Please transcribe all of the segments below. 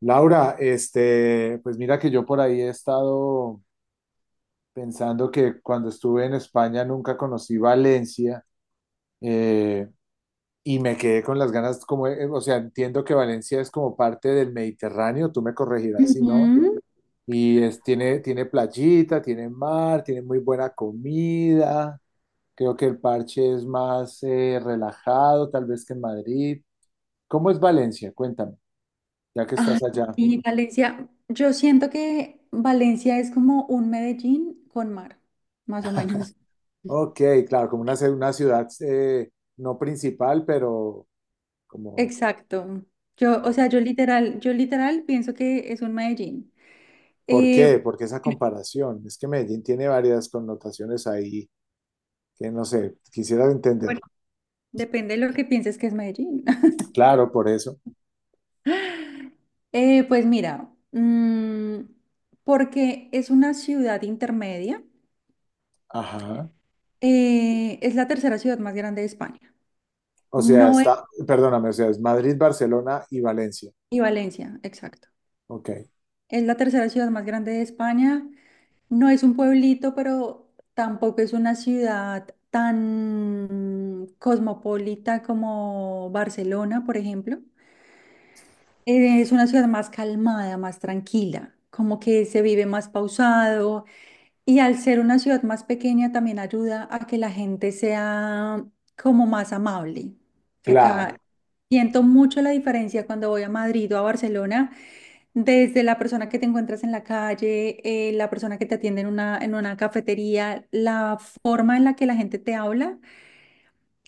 Laura, este, pues mira que yo por ahí he estado pensando que cuando estuve en España nunca conocí Valencia eh, y me quedé con las ganas, como, o sea, entiendo que Valencia es como parte del Mediterráneo, tú me corregirás si no, Ujú. y es, tiene, tiene playita, tiene mar, tiene muy buena comida, creo que el parche es más relajado tal vez que en Madrid. ¿Cómo es Valencia? Cuéntame, ya que Ay, estás allá. sí, Valencia. Yo siento que Valencia es como un Medellín con mar, más o menos. Ok, claro, como una, una ciudad no principal, pero como, Exacto. Yo, o o- sea, yo literal pienso que es un Medellín. ¿por Eh, qué? ¿Por qué esa comparación? Es que Medellín tiene varias connotaciones ahí que no sé, quisiera bueno, entender. depende de lo que pienses que es Medellín. Claro, por eso. Pues mira, porque es una ciudad intermedia. Ajá. Es la tercera ciudad más grande de España. O sea, No es, está, perdóname, o sea, es Madrid, Barcelona y Valencia. y Valencia, exacto. Ok, Es la tercera ciudad más grande de España. No es un pueblito, pero tampoco es una ciudad tan cosmopolita como Barcelona, por ejemplo. Es una ciudad más calmada, más tranquila, como que se vive más pausado, y al ser una ciudad más pequeña también ayuda a que la gente sea como más amable. Acá claro. siento mucho la diferencia cuando voy a Madrid o a Barcelona. Desde la persona que te encuentras en la calle, la persona que te atiende en una cafetería, la forma en la que la gente te habla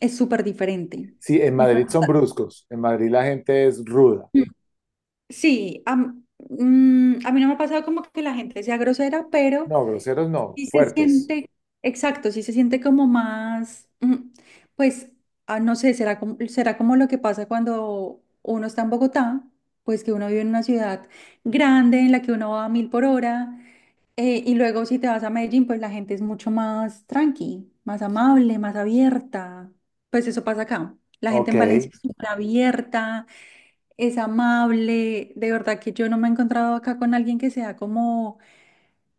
es súper diferente. Sí, en Madrid Entonces, son bruscos, en Madrid la gente es ruda. Mm. sí, a, m- a mí no me ha pasado como que la gente sea grosera, pero No, groseros no, sí se fuertes. siente, exacto, sí se siente como más, pues, no sé, será como lo que pasa cuando uno está en Bogotá, pues que uno vive en una ciudad grande en la que uno va a mil por hora. Y luego si te vas a Medellín, pues la gente es mucho más tranqui, más amable, más abierta. Pues eso pasa acá. La gente Ok, en Valencia es súper abierta, es amable. De verdad que yo no me he encontrado acá con alguien que sea como,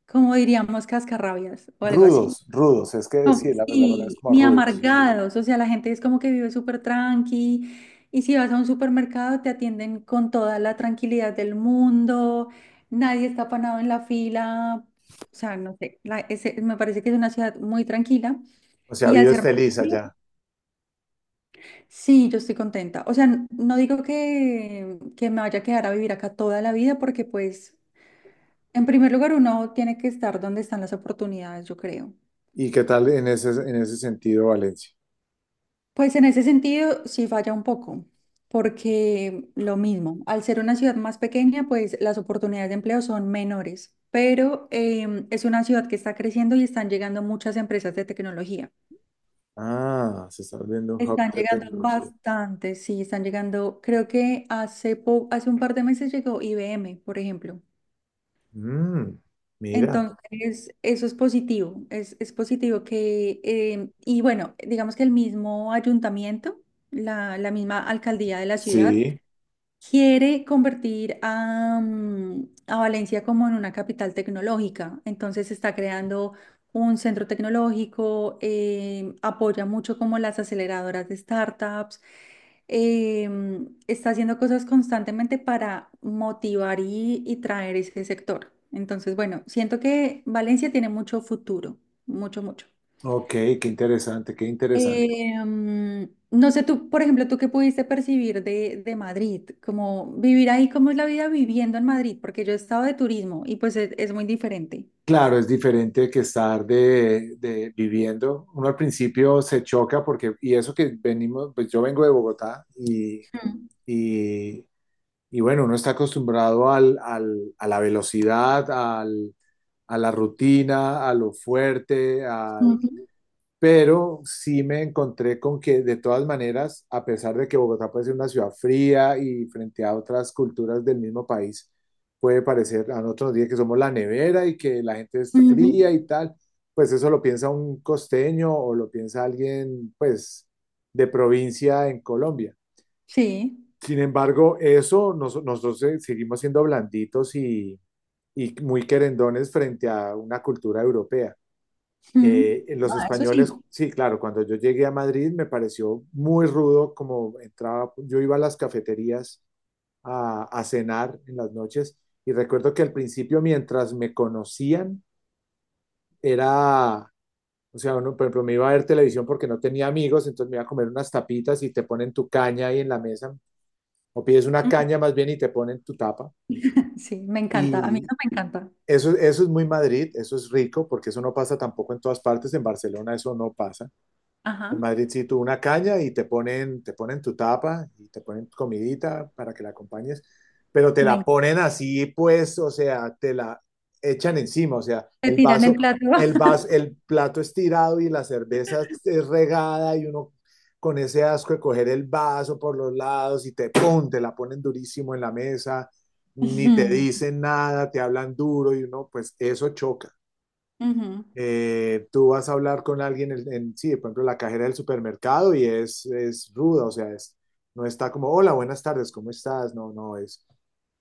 como diríamos, cascarrabias o algo así. rudos, rudos, es que sí, No, la palabra es sí, como ni rudos. amargados, o sea, la gente es como que vive súper tranqui, y si vas a un supermercado te atienden con toda la tranquilidad del mundo, nadie está apanado en la fila, o sea, no sé, me parece que es una ciudad muy tranquila O sea, y al vives ser... feliz más- allá. Sí, yo estoy contenta, o sea, no digo que me vaya a quedar a vivir acá toda la vida porque pues, en primer lugar, uno tiene que estar donde están las oportunidades, yo creo. ¿Y qué tal en ese sentido Valencia? Pues en ese sentido sí falla un poco, porque lo mismo, al ser una ciudad más pequeña, pues las oportunidades de empleo son menores, pero es una ciudad que está creciendo y están llegando muchas empresas de tecnología. Ah, se está volviendo un hub Están de llegando tecnología. bastantes, sí, están llegando, creo que hace un par de meses llegó IBM, por ejemplo. Mm, mira, Entonces, eso es positivo que, y bueno, digamos que el mismo ayuntamiento, la misma alcaldía de la ciudad, sí, quiere convertir a Valencia como en una capital tecnológica. Entonces está creando un centro tecnológico, apoya mucho como las aceleradoras de startups, eh, está haciendo cosas constantemente para motivar y traer ese sector. Entonces, bueno, siento que Valencia tiene mucho futuro, mucho, mucho. ok, qué interesante, qué interesante. No sé, tú, por ejemplo, tú qué pudiste percibir de Madrid, como vivir ahí, cómo es la vida viviendo en Madrid, porque yo he estado de turismo y pues es muy diferente. Claro, es diferente que estar de viviendo. Uno al principio se choca porque, y eso que venimos, pues yo vengo de Bogotá Mm. y, y bueno, uno está acostumbrado al, a la velocidad, al, a la rutina, a lo fuerte, a Ujú, pero sí me encontré con que de todas maneras, a pesar de que Bogotá puede ser una ciudad fría y frente a otras culturas del mismo país, puede parecer, a nosotros nos dicen que somos la nevera y que la gente es ujú. fría y tal, pues eso lo piensa un costeño o lo piensa alguien, pues, de provincia en Colombia. Sí. Sin embargo, nosotros seguimos siendo blanditos y muy querendones frente a una cultura europea. Mm. Los Ah, eso españoles, sí. sí, claro, cuando yo llegué a Madrid me pareció muy rudo como entraba, yo iba a las cafeterías a cenar en las noches y recuerdo que al principio mientras me conocían era, o sea, uno, por ejemplo, me iba a ver televisión porque no tenía amigos, entonces me iba a comer unas tapitas y te ponen tu caña ahí en la mesa, o pides una caña más bien y te ponen tu tapa. Sí, me encanta, a mí Y no me encanta. eso es muy Madrid, eso es rico, porque eso no pasa tampoco en todas partes, en Barcelona eso no pasa. Ajá, En Madrid sí, tú una caña y te ponen tu tapa y te ponen comidita para que la acompañes, pero te me la encanta. ponen así, pues, o sea, te la echan encima, o sea, Te el tiran vaso, el plato. El plato estirado y la cerveza es regada y uno con ese asco de coger el vaso por los lados y te la ponen durísimo en la mesa, ni te Ujú, dicen nada, te hablan duro y uno, pues, eso choca ujú. Tú vas a hablar con alguien, en, sí, por ejemplo, la cajera del supermercado y es ruda, o sea, es, no está como, hola, buenas tardes, ¿cómo estás? No, no, es,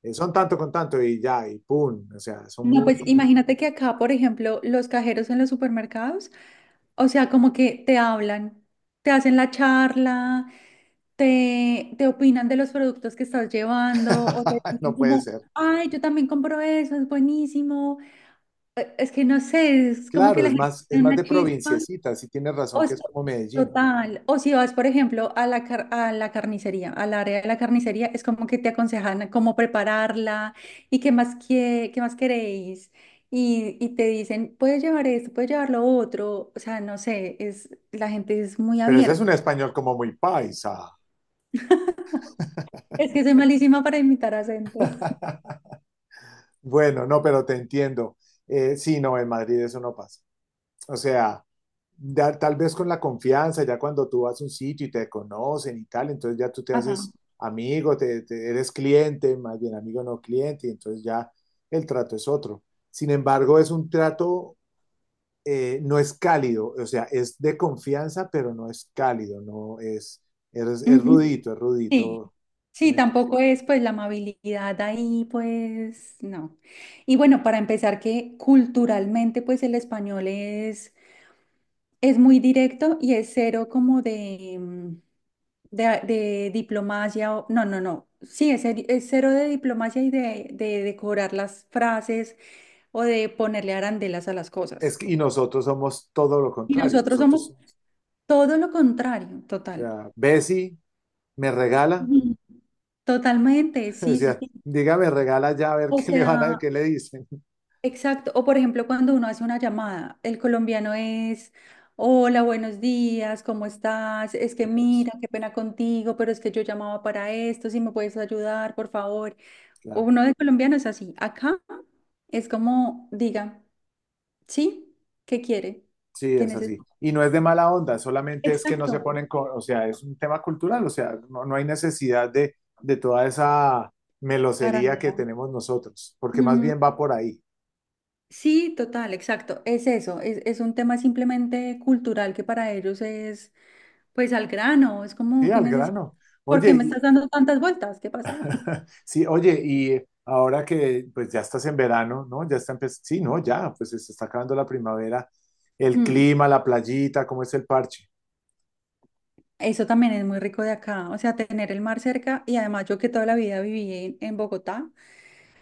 son tanto con tanto y ya, y pum, o sea, son No, pues muy, imagínate que acá, por ejemplo, los cajeros en los supermercados, o sea, como que te hablan, te hacen la charla, te opinan de los productos que estás llevando o te dicen no puede como, ser. ay, yo también compro eso, es buenísimo. Es que no sé, es como que Claro, la gente es tiene más de una chispa. provinciecita, sí tienes O razón que es- es como Medellín, total. O si vas, por ejemplo, a a la carnicería, al área de la carnicería, es como que te aconsejan cómo prepararla y qué más, qué más queréis. Y te dicen, puedes llevar esto, puedes llevar lo otro. O sea, no sé, es, la gente es muy pero ese es un abierta. español como muy paisa. Es que soy malísima para imitar acento. Bueno, no, pero te entiendo. Sí, no, en Madrid eso no pasa. O sea, ya tal vez con la confianza, ya cuando tú vas a un sitio y te conocen y tal, entonces ya tú te Ajá. haces amigo, te, eres cliente, más bien amigo no cliente, y entonces ya el trato es otro. Sin embargo, es un trato, no es cálido, o sea, es de confianza, pero no es cálido, no es, Ujú. Es Sí, rudito, ¿sí sí, me entiendes? tampoco es pues la amabilidad ahí, pues no. Y bueno, para empezar, que culturalmente pues el español es muy directo y es cero como de diplomacia, no, no, no, sí, es cero de diplomacia y de decorar las frases o de ponerle arandelas a las cosas. Y nosotros somos todo lo Y contrario, nosotros nosotros, somos somos, todo lo contrario, o total. sea, Bessie me regala, Ujú. Totalmente, o sí, sí, sea, sí. dígame regala ya a ver O qué le van a, sea... qué le dicen. Exacto, o por ejemplo cuando uno hace una llamada, el colombiano es, hola, buenos días, ¿cómo estás? Es que Es, mira, qué pena contigo, pero es que yo llamaba para esto, si me puedes ayudar, por favor. claro. Uno de colombiano es así, acá es como, diga, ¿sí? ¿Qué quiere? Sí, ¿Qué es así. necesita? Y no es de mala onda, solamente es que no Exacto, se ponen con, o sea, es un tema cultural, o sea, no, no hay necesidad de toda esa melosería que arandela. tenemos nosotros, porque más Mm, bien va por ahí, sí, total, exacto, es eso, es un tema simplemente cultural que para ellos es... pues al grano, es sí, como que al necesito. grano. ¿Por qué Oye, me estás dando tantas vueltas? ¿Qué pasa? sí, oye, y ahora que pues ya estás en verano, ¿no? Ya está empezando, sí, no, ya, pues se está acabando la primavera, el Ujú. clima, la playita, ¿cómo es el parche? Eso también es muy rico de acá, o sea, tener el mar cerca y además yo que toda la vida viví en Bogotá,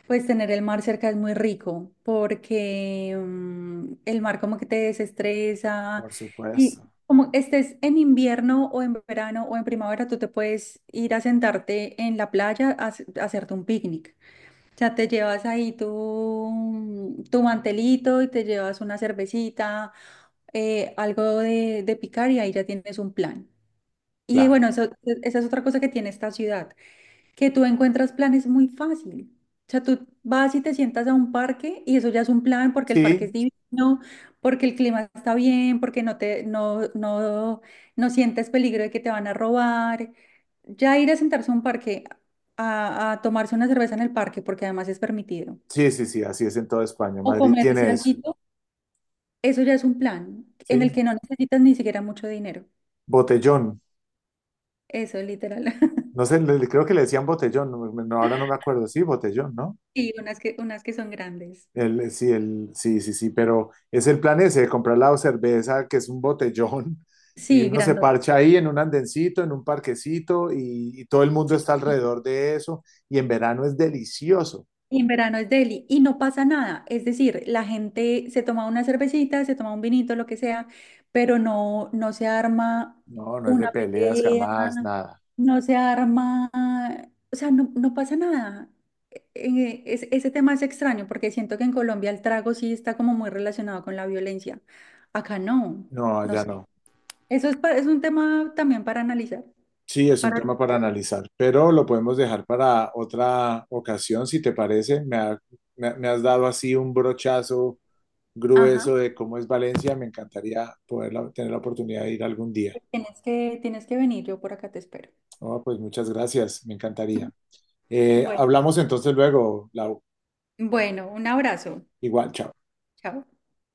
pues tener el mar cerca es muy rico porque el mar como que te desestresa, Por y supuesto, como estés en invierno o en verano o en primavera, tú te puedes ir a sentarte en la playa a hacerte un picnic. Ya te llevas ahí tu mantelito y te llevas una cervecita, algo de picar y ahí ya tienes un plan. Y claro. bueno, esa es otra cosa que tiene esta ciudad, que tú encuentras planes muy fácil. O sea, tú vas y te sientas a un parque y eso ya es un plan porque el parque Sí, es divino, porque el clima está bien, porque no sientes peligro de que te van a robar. Ya ir a sentarse a un parque a tomarse una cerveza en el parque, porque además es permitido. sí, sí, sí, así es en toda España. O Madrid comerse tiene eso, algo, eso ya es un plan en el sí. que no necesitas ni siquiera mucho dinero. Botellón. Eso, literal. No sé, creo que le decían botellón, no, no, ahora no me acuerdo. Sí, botellón, ¿no? Sí, unas que son grandes. El, sí, sí, sí, pero es el plan ese, de comprar la cerveza, que es un botellón, y Sí, uno se grandote. parcha ahí en un andencito, en un parquecito, y todo el mundo Sí. está alrededor de eso, y en verano es delicioso. Y en verano es Delhi y no pasa nada. Es decir, la gente se toma una cervecita, se toma un vinito, lo que sea, pero no se arma No, no es una de peleas pelea, jamás, nada. no se arma, o sea, no, no pasa nada. Ese tema es extraño porque siento que en Colombia el trago sí está como muy relacionado con la violencia. Acá no, No, no ya sé. no. Eso es, es un tema también para analizar, Sí, es un para... tema para analizar, pero lo podemos dejar para otra ocasión, si te parece. Me has dado así un brochazo Ajá, grueso de cómo es Valencia, me encantaría poder tener la oportunidad de ir algún día. Tienes que venir, yo por acá te espero. No, pues muchas gracias, me encantaría. Bueno. Hablamos entonces luego, Lau. Bueno, un abrazo. Igual, chao. Chao.